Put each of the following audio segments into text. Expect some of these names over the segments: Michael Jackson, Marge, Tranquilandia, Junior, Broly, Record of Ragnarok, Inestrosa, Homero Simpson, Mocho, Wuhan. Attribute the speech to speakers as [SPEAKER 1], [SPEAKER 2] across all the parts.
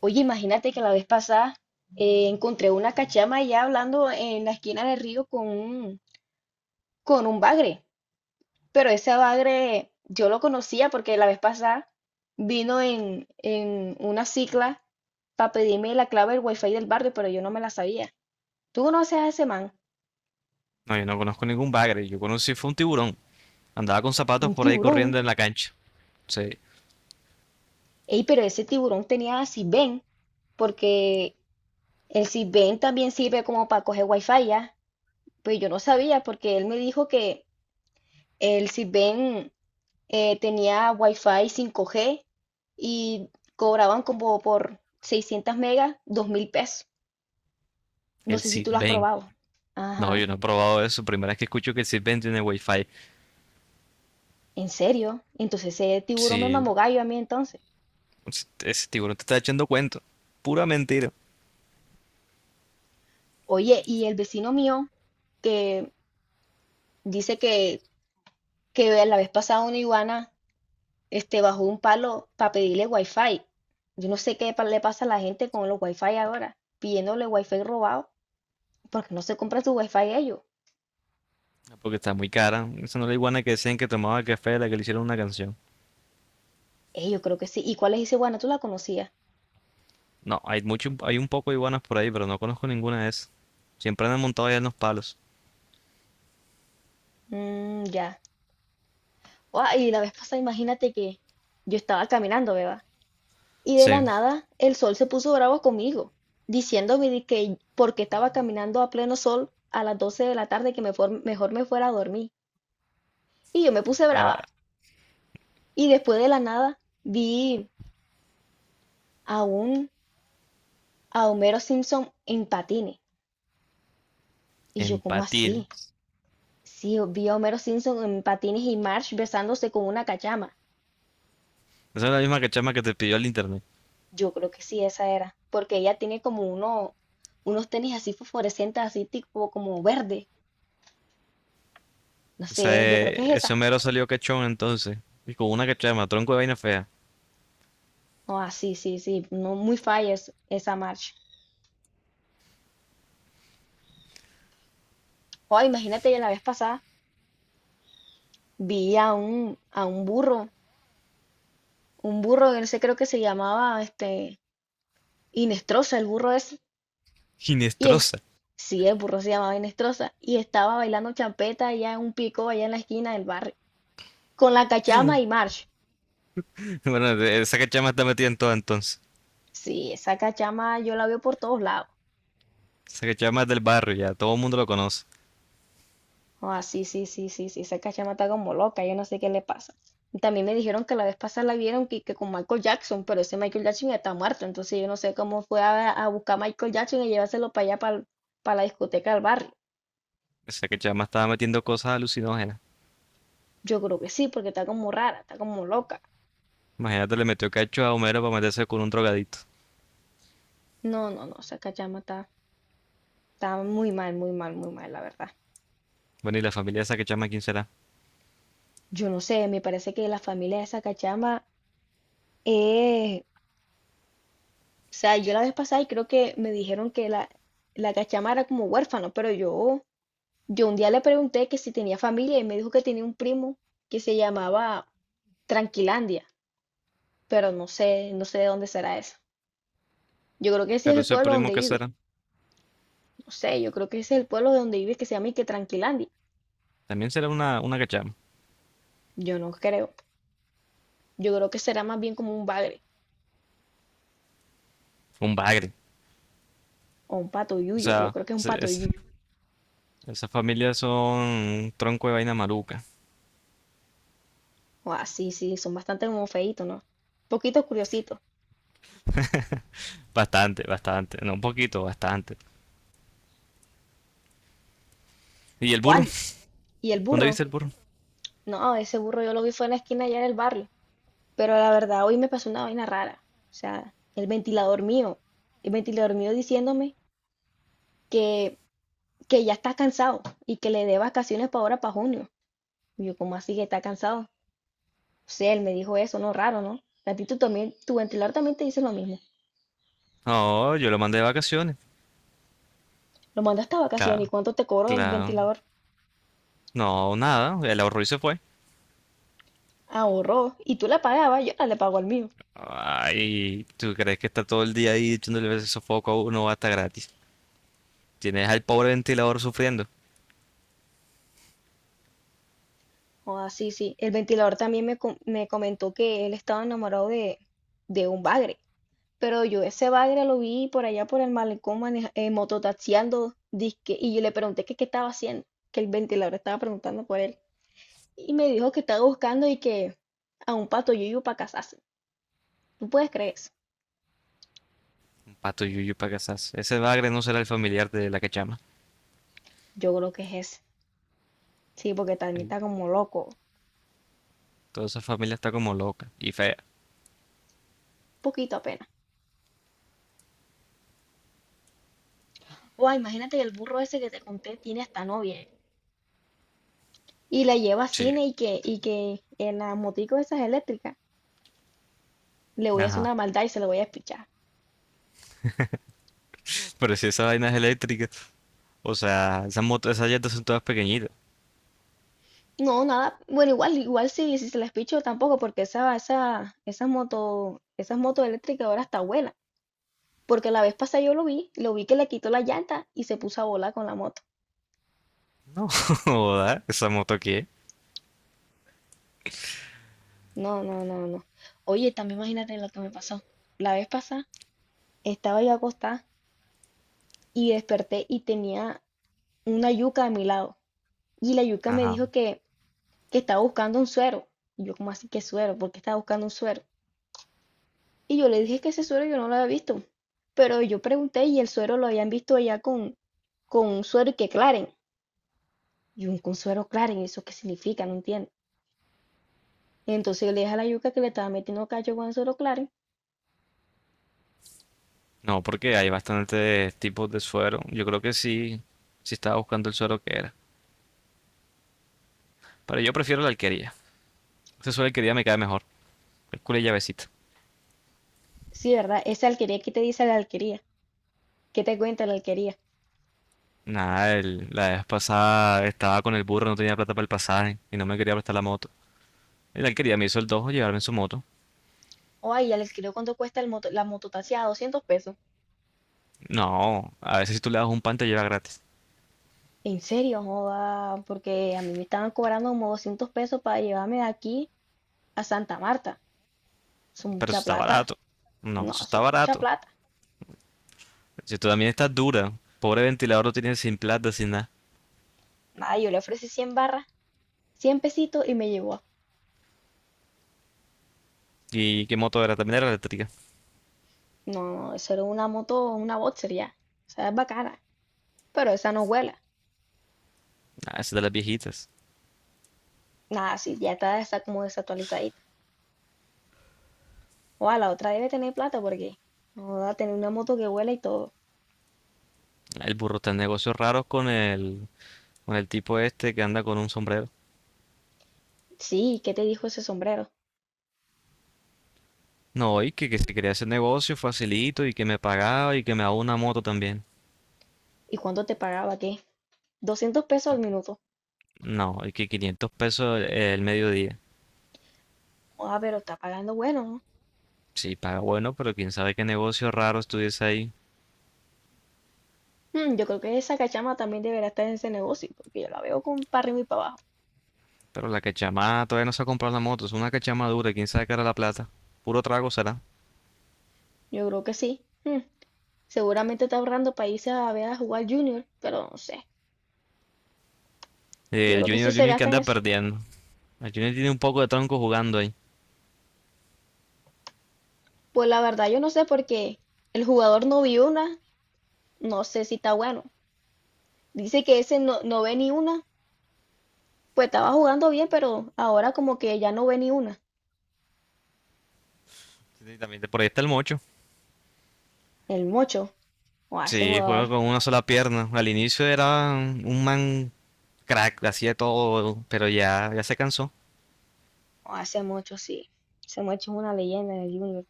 [SPEAKER 1] Oye, imagínate que la vez pasada encontré una cachama allá hablando en la esquina del río con un bagre. Pero ese bagre yo lo conocía porque la vez pasada vino en una cicla para pedirme la clave del wifi del barrio, pero yo no me la sabía. ¿Tú conoces a ese man?
[SPEAKER 2] No, yo no conozco ningún bagre. Yo conocí fue un tiburón. Andaba con
[SPEAKER 1] Un
[SPEAKER 2] zapatos por ahí
[SPEAKER 1] tiburón.
[SPEAKER 2] corriendo en la cancha. Sí,
[SPEAKER 1] Ey, pero ese tiburón tenía Sisbén, porque el Sisbén también sirve como para coger wifi ya. Pues yo no sabía porque él me dijo que el Sisbén tenía Wi-Fi 5G y cobraban como por 600 megas, 2 mil pesos. No
[SPEAKER 2] el
[SPEAKER 1] sé si tú lo has
[SPEAKER 2] Cisben.
[SPEAKER 1] probado.
[SPEAKER 2] No,
[SPEAKER 1] Ajá,
[SPEAKER 2] yo no he probado eso. Primera vez que escucho que el Cisben tiene wifi.
[SPEAKER 1] ¿en serio? Entonces ese tiburón me
[SPEAKER 2] Sí,
[SPEAKER 1] mamó gallo a mí entonces.
[SPEAKER 2] ese tiburón te está echando cuento. Pura mentira.
[SPEAKER 1] Oye, y el vecino mío que dice que la vez pasada una iguana bajó un palo para pedirle wifi. Yo no sé qué le pasa a la gente con los wifi ahora, pidiéndole wifi robado, porque no se compra su wifi ellos.
[SPEAKER 2] Porque está muy cara. Esa no es la iguana que decían que tomaba café de la que le hicieron una canción.
[SPEAKER 1] Yo creo que sí. ¿Y cuál es ese iguana? ¿Tú la conocías?
[SPEAKER 2] No, hay mucho, hay un poco de iguanas por ahí, pero no conozco ninguna de esas. Siempre andan montados allá en los palos.
[SPEAKER 1] Mm, ya. Guau, y la vez pasada, imagínate que yo estaba caminando, ¿verdad? Y de la
[SPEAKER 2] Sí.
[SPEAKER 1] nada el sol se puso bravo conmigo, diciéndome de que porque estaba caminando a pleno sol a las 12 de la tarde que me mejor me fuera a dormir. Y yo me puse
[SPEAKER 2] Ah,
[SPEAKER 1] brava. Y después de la nada vi a un a Homero Simpson en patines. Y yo, ¿cómo
[SPEAKER 2] empatir.
[SPEAKER 1] así? Sí, vi a Homero Simpson en patines y Marge besándose con una cachama.
[SPEAKER 2] Esa es la misma cachama que te pidió el internet.
[SPEAKER 1] Yo creo que sí, esa era, porque ella tiene unos tenis así fosforescentes, así tipo como verde. No sé, yo creo que
[SPEAKER 2] Ese,
[SPEAKER 1] es
[SPEAKER 2] ese
[SPEAKER 1] esa.
[SPEAKER 2] Homero salió cachón entonces. Y con una cachama, tronco de vaina fea.
[SPEAKER 1] Ah, sí, sí, sí, no muy falla esa marcha. Oh, imagínate, yo la vez pasada vi a un burro que no sé, creo que se llamaba Inestrosa, el burro ese. Y es,
[SPEAKER 2] Ginestrosa.
[SPEAKER 1] sí, el burro se llamaba Inestrosa. Y estaba bailando champeta allá en un pico, allá en la esquina del barrio, con la cachama y march.
[SPEAKER 2] Bueno, esa cachama está metida en todo entonces.
[SPEAKER 1] Sí, esa cachama yo la veo por todos lados.
[SPEAKER 2] Esa cachama es del barrio ya, todo el mundo lo conoce.
[SPEAKER 1] Oh, ah, sí, sí, sí, sí, sí, esa cachama está como loca, yo no sé qué le pasa. Y también me dijeron que la vez pasada la vieron que con Michael Jackson, pero ese Michael Jackson ya está muerto, entonces yo no sé cómo fue a buscar a Michael Jackson y llevárselo para allá, para la discoteca del barrio.
[SPEAKER 2] Esa cachama estaba metiendo cosas alucinógenas.
[SPEAKER 1] Yo creo que sí, porque está como rara, está como loca.
[SPEAKER 2] Imagínate, le metió cacho a Homero para meterse con un drogadito.
[SPEAKER 1] No, no, no, esa cachama está muy mal, muy mal, muy mal, la verdad.
[SPEAKER 2] Bueno, y la familia de esa cachama, ¿quién será?
[SPEAKER 1] Yo no sé, me parece que la familia de esa cachama es... O sea, yo la vez pasada y creo que me dijeron que la cachama era como huérfano, pero yo... Yo un día le pregunté que si tenía familia y me dijo que tenía un primo que se llamaba Tranquilandia, pero no sé, no sé de dónde será eso. Yo creo que ese es
[SPEAKER 2] Pero
[SPEAKER 1] el
[SPEAKER 2] ese
[SPEAKER 1] pueblo
[SPEAKER 2] primo
[SPEAKER 1] donde
[SPEAKER 2] que
[SPEAKER 1] vive.
[SPEAKER 2] será,
[SPEAKER 1] No sé, yo creo que ese es el pueblo de donde vive que se llama y que Tranquilandia.
[SPEAKER 2] también será una cachama.
[SPEAKER 1] Yo no creo. Yo creo que será más bien como un bagre
[SPEAKER 2] Un bagre.
[SPEAKER 1] o un pato
[SPEAKER 2] O
[SPEAKER 1] yuyo. Yo
[SPEAKER 2] sea,
[SPEAKER 1] creo que es un pato yuyo.
[SPEAKER 2] esas familias son un tronco de vaina maluca.
[SPEAKER 1] O así, sí, son bastante como feitos, ¿no? Poquitos curiositos.
[SPEAKER 2] Bastante, bastante. No, un poquito, bastante. ¿Y el
[SPEAKER 1] O
[SPEAKER 2] burro?
[SPEAKER 1] año. Y el
[SPEAKER 2] ¿Dónde viste
[SPEAKER 1] burro.
[SPEAKER 2] el burro?
[SPEAKER 1] No, ese burro yo lo vi fue en la esquina allá en el barrio. Pero la verdad, hoy me pasó una vaina rara. O sea, el ventilador mío diciéndome que, que ya está cansado y que le dé vacaciones para ahora, para junio. Y yo, ¿cómo así que está cansado? O sea, él me dijo eso, no, raro, ¿no? A ti tú también, tu ventilador también te dice lo mismo.
[SPEAKER 2] No, yo lo mandé de vacaciones.
[SPEAKER 1] Lo mandaste a vacaciones y
[SPEAKER 2] Claro,
[SPEAKER 1] cuánto te cobró el
[SPEAKER 2] claro.
[SPEAKER 1] ventilador.
[SPEAKER 2] No, nada, el ahorro y se fue.
[SPEAKER 1] Ahorró. Y tú la pagabas, yo la le pago al mío.
[SPEAKER 2] Ay, ¿tú crees que está todo el día ahí echándole ese sofoco a uno hasta gratis? Tienes al pobre ventilador sufriendo.
[SPEAKER 1] Ah, sí, sí. El ventilador también me comentó que él estaba enamorado de un bagre. Pero yo ese bagre lo vi por allá por el malecón mototaxiando, disque, y yo le pregunté que qué estaba haciendo, que el ventilador estaba preguntando por él. Y me dijo que estaba buscando y que a un pato yuyu para casarse. ¿Tú puedes creer eso?
[SPEAKER 2] Un pato yuyu para casas. Ese bagre no será el familiar de la que llama.
[SPEAKER 1] Yo creo que es ese. Sí, porque también
[SPEAKER 2] El-
[SPEAKER 1] está como loco.
[SPEAKER 2] Toda esa familia está como loca y fea.
[SPEAKER 1] Poquito apenas. O imagínate que el burro ese que te conté tiene hasta novia. Y la lleva a
[SPEAKER 2] Sí.
[SPEAKER 1] cine y que en las moticos esas eléctricas le voy a hacer
[SPEAKER 2] Ajá.
[SPEAKER 1] una maldad y se lo voy a espichar.
[SPEAKER 2] Pero si esa vaina es eléctrica. O sea, esas motos, esas llantas son todas pequeñitas.
[SPEAKER 1] No, nada. Bueno, igual, igual si se les picho tampoco, porque esa moto, esas motos eléctricas ahora está buena. Porque la vez pasada yo lo vi que le quitó la llanta y se puso a volar con la moto.
[SPEAKER 2] No, joda, ¿esa moto qué?
[SPEAKER 1] No, no, no, no. Oye, también imagínate lo que me pasó. La vez pasada estaba yo acostada y desperté y tenía una yuca a mi lado. Y la yuca me
[SPEAKER 2] Ajá.
[SPEAKER 1] dijo que estaba buscando un suero. Y yo, como así que suero? ¿Por qué estaba buscando un suero? Y yo le dije que ese suero yo no lo había visto. Pero yo pregunté y el suero lo habían visto allá con un suero y que claren. Y un con suero claren, ¿eso qué significa? No entiendo. Entonces yo le dije a la yuca que le estaba metiendo cacho con el suero claren.
[SPEAKER 2] No, porque hay bastantes tipos de suero. Yo creo que sí, sí estaba buscando el suero que era. Pero yo prefiero la alquería. Ese suero de alquería me cae mejor. El culo y llavecita.
[SPEAKER 1] Sí, ¿verdad? Esa alquería, ¿qué te dice la alquería? ¿Qué te cuenta la alquería?
[SPEAKER 2] Nada, la vez pasada estaba con el burro, no tenía plata para el pasaje y no me quería prestar la moto. Y la alquería me hizo el dojo llevarme en su moto.
[SPEAKER 1] O ay, ya les creo cuánto cuesta el moto, la mototaxia, 200 pesos.
[SPEAKER 2] No, a veces si tú le das un pan te lleva gratis.
[SPEAKER 1] En serio, joda, porque a mí me estaban cobrando como 200 pesos para llevarme de aquí a Santa Marta. Son
[SPEAKER 2] Pero eso
[SPEAKER 1] mucha
[SPEAKER 2] está
[SPEAKER 1] plata.
[SPEAKER 2] barato. No,
[SPEAKER 1] No,
[SPEAKER 2] eso
[SPEAKER 1] eso
[SPEAKER 2] está
[SPEAKER 1] es mucha
[SPEAKER 2] barato.
[SPEAKER 1] plata.
[SPEAKER 2] Si tú también estás dura. Pobre ventilador lo tienes sin plata, sin nada.
[SPEAKER 1] Nada, yo le ofrecí 100 barras. 100 pesitos y me llevó.
[SPEAKER 2] ¿Y qué moto era? También era eléctrica.
[SPEAKER 1] No, no, eso era una moto, una boxer ya. O sea, es bacana, pero esa no vuela.
[SPEAKER 2] Ah, esa es de las viejitas.
[SPEAKER 1] Nada, sí, ya está esa como desactualizadita. O la otra debe tener plata porque no va a tener una moto que vuela y todo.
[SPEAKER 2] El burro está en negocios raros con con el tipo este que anda con un sombrero.
[SPEAKER 1] Sí, ¿qué te dijo ese sombrero?
[SPEAKER 2] No, que se quería hacer negocio facilito y que me pagaba y que me daba una moto también.
[SPEAKER 1] ¿Y cuánto te pagaba? ¿Qué? 200 pesos al
[SPEAKER 2] Y-
[SPEAKER 1] minuto.
[SPEAKER 2] No, y que 500 pesos el mediodía.
[SPEAKER 1] Ah, pero está pagando bueno, ¿no?
[SPEAKER 2] Sí, paga bueno, pero quién sabe qué negocio raro estuviese ahí.
[SPEAKER 1] Hmm, yo creo que esa cachama también deberá estar en ese negocio, porque yo la veo con para arriba y para abajo.
[SPEAKER 2] Pero la cachamada todavía no se ha comprado la moto, es una cachamada dura, quién sabe qué era la plata. Puro trago será.
[SPEAKER 1] Yo creo que sí. Hmm, seguramente está ahorrando para irse a ver a jugar Junior, pero no sé. Yo creo que eso
[SPEAKER 2] El
[SPEAKER 1] se
[SPEAKER 2] Junior que
[SPEAKER 1] gasta en
[SPEAKER 2] anda
[SPEAKER 1] eso.
[SPEAKER 2] perdiendo. El Junior tiene un poco de tronco jugando ahí.
[SPEAKER 1] Pues la verdad yo no sé porque el jugador no vio una, no sé si está bueno. Dice que ese no, no ve ni una, pues estaba jugando bien, pero ahora como que ya no ve ni una.
[SPEAKER 2] Sí, también por ahí está el mocho.
[SPEAKER 1] El Mocho, o ese
[SPEAKER 2] Sí, juega
[SPEAKER 1] jugador,
[SPEAKER 2] con una sola pierna. Al inicio era un man crack, hacía todo, pero ya, ya se cansó
[SPEAKER 1] o ese Mocho sí, ese Mocho es una leyenda en el Junior.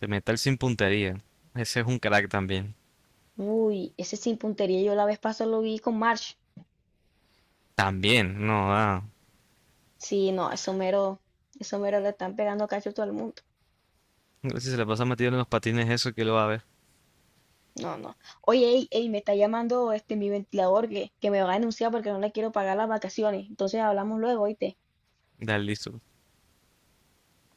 [SPEAKER 2] de meter sin puntería. Ese es un crack también.
[SPEAKER 1] Uy, ese sin puntería yo la vez pasada lo vi con March.
[SPEAKER 2] También, no, ah.
[SPEAKER 1] Sí, no, eso mero le están pegando cacho a todo el mundo.
[SPEAKER 2] Si se le pasa metido en los patines eso, ¿que lo va a ver?
[SPEAKER 1] No, no. Oye, ey, ey, me está llamando este mi ventilador que me va a denunciar porque no le quiero pagar las vacaciones. Entonces hablamos luego, ¿oíste?
[SPEAKER 2] Da listo.